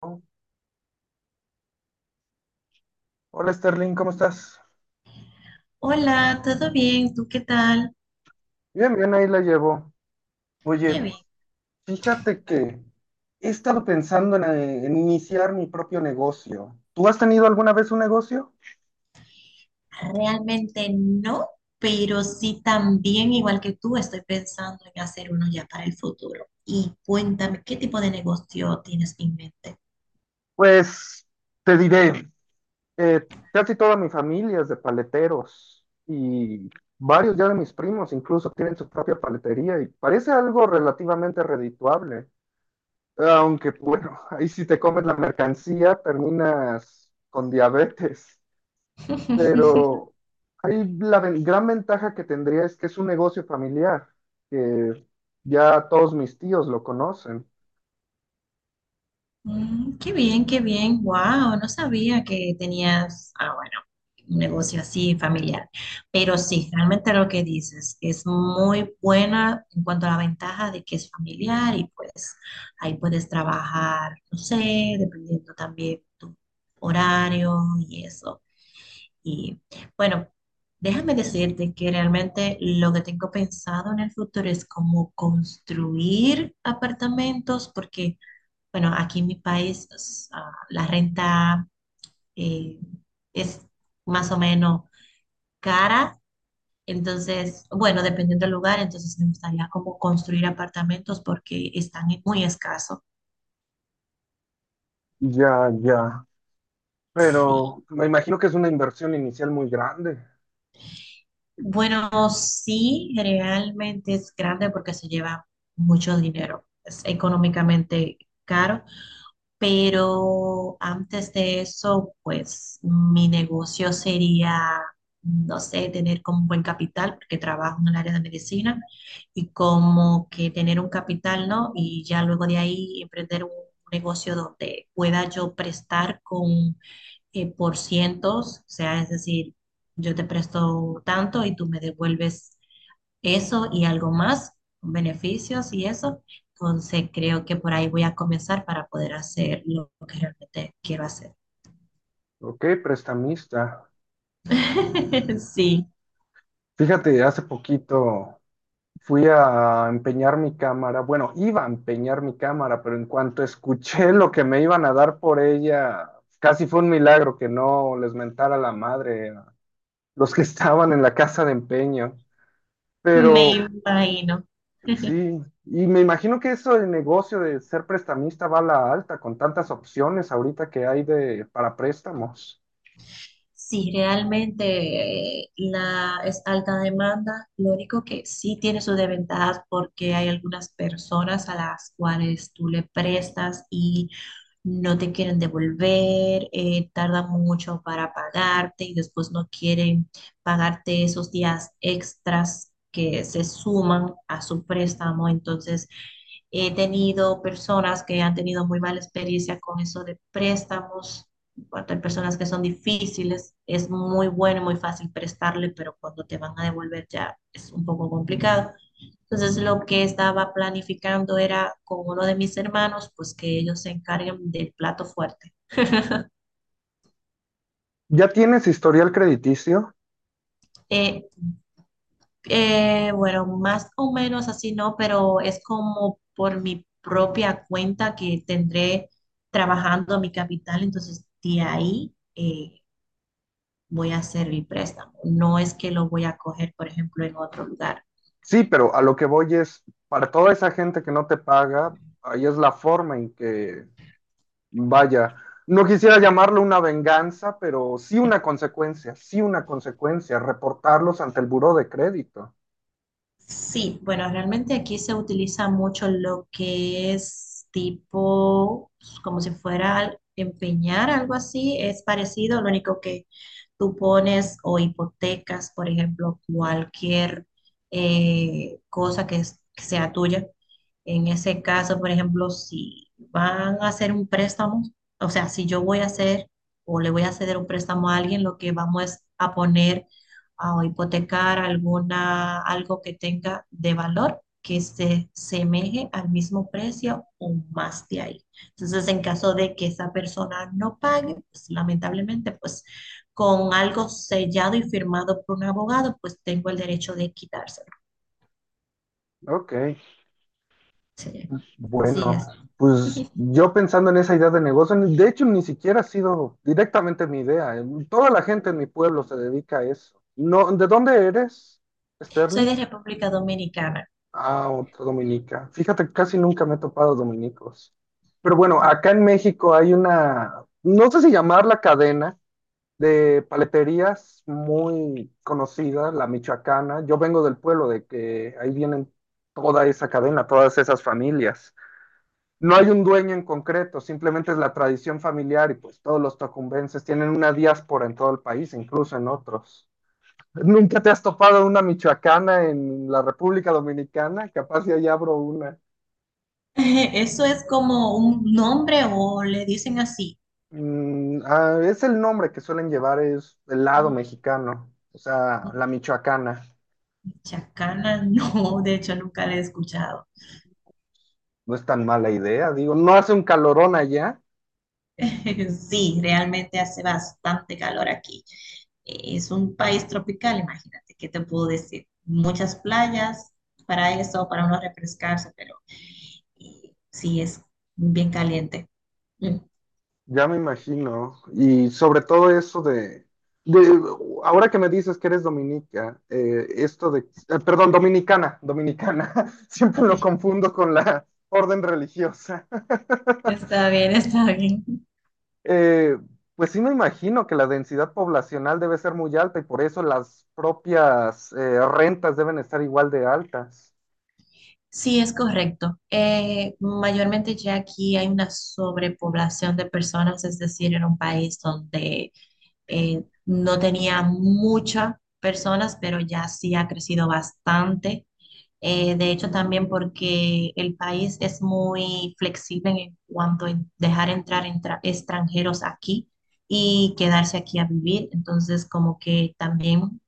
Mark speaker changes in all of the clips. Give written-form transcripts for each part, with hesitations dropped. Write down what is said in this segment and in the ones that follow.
Speaker 1: Hola Sterling, ¿cómo estás?
Speaker 2: Hola, ¿todo bien? ¿Tú qué tal?
Speaker 1: Bien, bien, ahí la llevo.
Speaker 2: Qué
Speaker 1: Oye,
Speaker 2: bien.
Speaker 1: fíjate que he estado pensando en iniciar mi propio negocio. ¿Tú has tenido alguna vez un negocio?
Speaker 2: Realmente no, pero sí también, igual que tú, estoy pensando en hacer uno ya para el futuro. Y cuéntame, ¿qué tipo de negocio tienes en mente?
Speaker 1: Pues te diré, casi toda mi familia es de paleteros y varios ya de mis primos incluso tienen su propia paletería y parece algo relativamente redituable. Aunque bueno, ahí si te comes la mercancía terminas con diabetes. Pero ahí gran ventaja que tendría es que es un negocio familiar, que ya todos mis tíos lo conocen.
Speaker 2: Mm, qué bien, qué bien. Wow, no sabía que tenías, bueno, un negocio así familiar. Pero sí, realmente lo que dices es muy buena en cuanto a la ventaja de que es familiar y pues ahí puedes trabajar, no sé, dependiendo también tu horario y eso. Y bueno, déjame decirte que realmente lo que tengo pensado en el futuro es cómo construir apartamentos porque bueno, aquí en mi país la renta eh, es más o menos cara, entonces, bueno, dependiendo del lugar, entonces me gustaría como construir apartamentos porque muy escasos.
Speaker 1: Ya, ya. Pero
Speaker 2: Sí.
Speaker 1: me imagino que es una inversión inicial muy grande.
Speaker 2: Bueno, sí, realmente es grande porque se lleva mucho dinero. Es económicamente caro. Pero antes de eso, pues mi negocio sería, no sé, tener como un buen capital, porque trabajo en el área de medicina, y como que tener un capital, ¿no? Y ya luego de ahí emprender un negocio donde pueda yo prestar con por cientos, o sea, es decir, yo te presto tanto y tú me devuelves eso y algo más, beneficios y eso. Entonces creo que por ahí voy a comenzar para poder hacer lo que realmente quiero hacer.
Speaker 1: Ok, prestamista.
Speaker 2: Sí,
Speaker 1: Fíjate, hace poquito fui a empeñar mi cámara. Bueno, iba a empeñar mi cámara, pero en cuanto escuché lo que me iban a dar por ella, casi fue un milagro que no les mentara la madre a los que estaban en la casa de empeño.
Speaker 2: me
Speaker 1: Pero
Speaker 2: imagino.
Speaker 1: sí, y me imagino que eso del negocio de ser prestamista va a la alta con tantas opciones ahorita que hay de para préstamos.
Speaker 2: Sí, realmente es alta demanda, lo único que sí tiene sus desventajas porque hay algunas personas a las cuales tú le prestas y no te quieren devolver, tardan mucho para pagarte y después no quieren pagarte esos días extras que se suman a su préstamo. Entonces, he tenido personas que han tenido muy mala experiencia con eso de préstamos. En cuanto hay personas que son difíciles, muy fácil prestarle, pero cuando te van a devolver ya es un poco complicado. Entonces lo que estaba planificando era con uno de mis hermanos, pues que ellos se encarguen del plato fuerte.
Speaker 1: ¿Ya tienes historial crediticio?
Speaker 2: Eh, bueno, más o menos así no, pero es como por mi propia cuenta que tendré trabajando mi capital, entonces de ahí voy a hacer mi préstamo. No es que lo voy a coger, por ejemplo, en otro lugar.
Speaker 1: Sí, pero a lo que voy es, para toda esa gente que no te paga, ahí es la forma en que, vaya, no quisiera llamarlo una venganza, pero sí una consecuencia, reportarlos ante el buró de crédito.
Speaker 2: Sí, bueno, realmente aquí se utiliza mucho lo que es tipo, como si fuera empeñar, algo así, es parecido, lo único que tú pones o hipotecas, por ejemplo, cualquier cosa que sea tuya. En ese caso, por ejemplo, si van a hacer un préstamo, o sea, si yo voy a hacer o le voy a ceder un préstamo a alguien, lo que vamos es a poner o hipotecar algo que tenga de valor que se semeje al mismo precio o más de ahí. Entonces, en caso de que esa persona no pague, pues lamentablemente, pues con algo sellado y firmado por un abogado, pues tengo el derecho de quitárselo.
Speaker 1: Ok.
Speaker 2: Sí, así
Speaker 1: Bueno,
Speaker 2: es.
Speaker 1: pues yo pensando en esa idea de negocio, de hecho ni siquiera ha sido directamente mi idea. Toda la gente en mi pueblo se dedica a eso. No, ¿de dónde eres,
Speaker 2: Soy
Speaker 1: Sterling?
Speaker 2: de República Dominicana.
Speaker 1: Ah, otra dominica. Fíjate, casi nunca me he topado dominicos. Pero bueno, acá en México hay una, no sé si llamarla cadena de paleterías muy conocida, la michoacana. Yo vengo del pueblo de que ahí vienen toda esa cadena, todas esas familias, no hay un dueño en concreto, simplemente es la tradición familiar y pues todos los tocumbenses tienen una diáspora en todo el país, incluso en otros. ¿Nunca te has topado una michoacana en la República Dominicana? Capaz ya allá abro una.
Speaker 2: Eso es como un nombre o le dicen así.
Speaker 1: Mm, ah, es el nombre que suelen llevar, es el lado mexicano, o sea, la michoacana.
Speaker 2: Chacana, no, de hecho nunca la he escuchado.
Speaker 1: No es tan mala idea, digo, no hace un calorón allá.
Speaker 2: Sí, realmente hace bastante calor aquí. Es un país tropical, imagínate, ¿qué te puedo decir? Muchas playas para eso, para uno refrescarse, pero y sí es bien caliente. Mm.
Speaker 1: Ya me imagino. Y sobre todo eso de, de- ahora que me dices que eres dominica, esto de, perdón, dominicana, dominicana, siempre lo confundo con la orden religiosa.
Speaker 2: Está bien, está bien.
Speaker 1: Eh, pues sí me imagino que la densidad poblacional debe ser muy alta y por eso las propias rentas deben estar igual de altas.
Speaker 2: Sí, es correcto. Mayormente ya aquí hay una sobrepoblación de personas, es decir, era un país donde no tenía muchas personas, pero ya sí ha crecido bastante. De hecho, también porque el país es muy flexible en cuanto a dejar extranjeros aquí y quedarse aquí a vivir. Entonces, como que también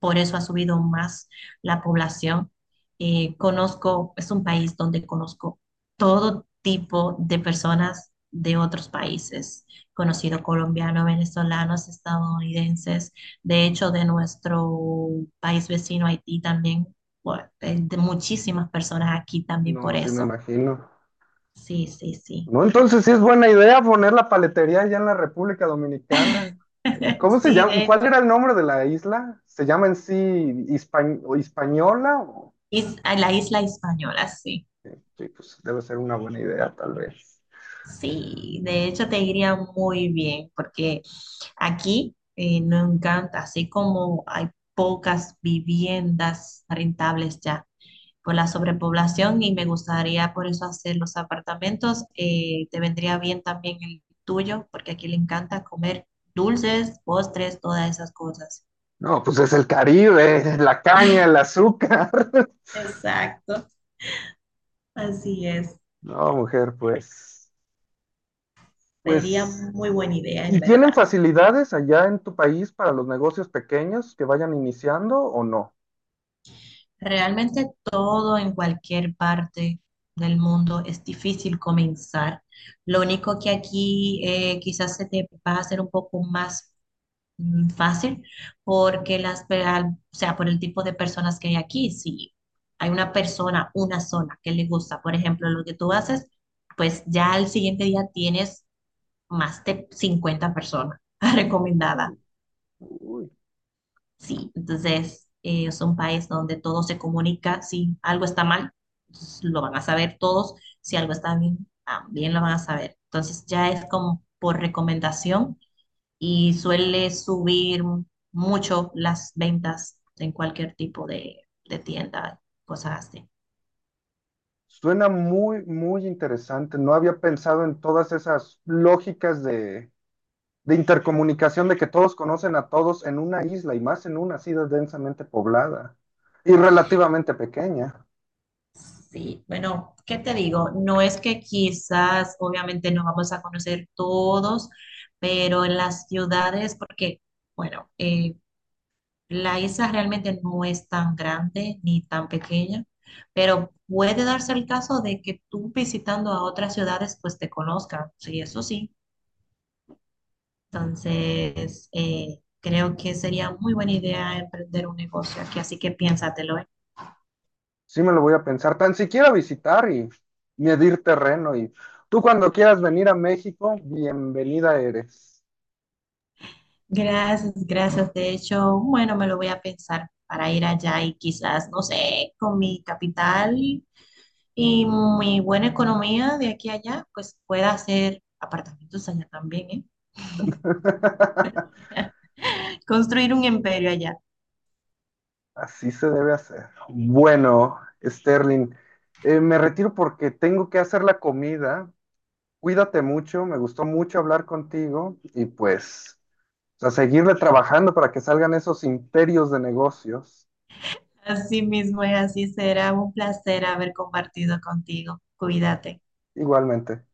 Speaker 2: por eso ha subido más la población. Es un país donde conozco todo tipo de personas de otros países, conocido colombianos, venezolanos, estadounidenses, de hecho de nuestro país vecino Haití también, bueno, de muchísimas personas aquí también por
Speaker 1: No, sí me
Speaker 2: eso.
Speaker 1: imagino.
Speaker 2: Sí, sí, sí.
Speaker 1: No, entonces sí es buena idea poner la paletería allá en la República Dominicana. ¿Y cómo se
Speaker 2: Sí,
Speaker 1: llama?
Speaker 2: de
Speaker 1: ¿Cuál
Speaker 2: hecho.
Speaker 1: era el nombre de la isla? ¿Se llama en sí Hispa- o Hispaniola? O-
Speaker 2: A la isla española, sí.
Speaker 1: sí, pues debe ser una buena idea, tal vez.
Speaker 2: Sí, de hecho te iría muy bien, porque aquí no encanta, así como hay pocas viviendas rentables ya por la sobrepoblación y me gustaría por eso hacer los apartamentos, te vendría bien también el tuyo, porque aquí le encanta comer dulces, postres, todas esas cosas.
Speaker 1: No, pues es el Caribe, la caña, el azúcar.
Speaker 2: Exacto, así es.
Speaker 1: No, mujer, pues,
Speaker 2: Sería
Speaker 1: pues,
Speaker 2: muy buena idea, en
Speaker 1: ¿y tienen
Speaker 2: verdad.
Speaker 1: facilidades allá en tu país para los negocios pequeños que vayan iniciando o no?
Speaker 2: Realmente todo en cualquier parte del mundo es difícil comenzar. Lo único que aquí quizás se te va a hacer un poco más mm, fácil porque o sea, por el tipo de personas que hay aquí, si hay una persona, una zona que le gusta, por ejemplo, lo que tú haces, pues ya al siguiente día tienes más de 50 personas recomendadas.
Speaker 1: Uy, uy.
Speaker 2: Sí, entonces es un país donde todo se comunica. Si algo está mal, entonces lo van a saber todos. Si algo está bien, también lo van a saber. Entonces ya es como por recomendación y suele subir mucho las ventas en cualquier tipo de tienda, cosas así.
Speaker 1: Suena muy, muy interesante. No había pensado en todas esas lógicas de intercomunicación, de que todos conocen a todos en una isla y más en una así densamente poblada y relativamente pequeña.
Speaker 2: Sí, bueno, ¿qué te digo? No es que quizás, obviamente, no vamos a conocer todos, pero en las ciudades, porque, bueno, la isla realmente no es tan grande ni tan pequeña, pero puede darse el caso de que tú visitando a otras ciudades pues te conozcan, sí, eso sí. Entonces, creo que sería muy buena idea emprender un negocio aquí, así que piénsatelo, ¿eh?
Speaker 1: Sí me lo voy a pensar, tan siquiera visitar y medir terreno. Y tú cuando quieras venir a México, bienvenida eres.
Speaker 2: Gracias, gracias. De hecho, bueno, me lo voy a pensar para ir allá y quizás, no sé, con mi capital y mi buena economía de aquí a allá, pues pueda hacer apartamentos allá también, ¿eh? Construir un imperio allá.
Speaker 1: Así se debe hacer. Bueno, Sterling, me retiro porque tengo que hacer la comida. Cuídate mucho, me gustó mucho hablar contigo y pues a seguirle trabajando para que salgan esos imperios de negocios
Speaker 2: Así mismo es, así será un placer haber compartido contigo. Cuídate.
Speaker 1: igualmente.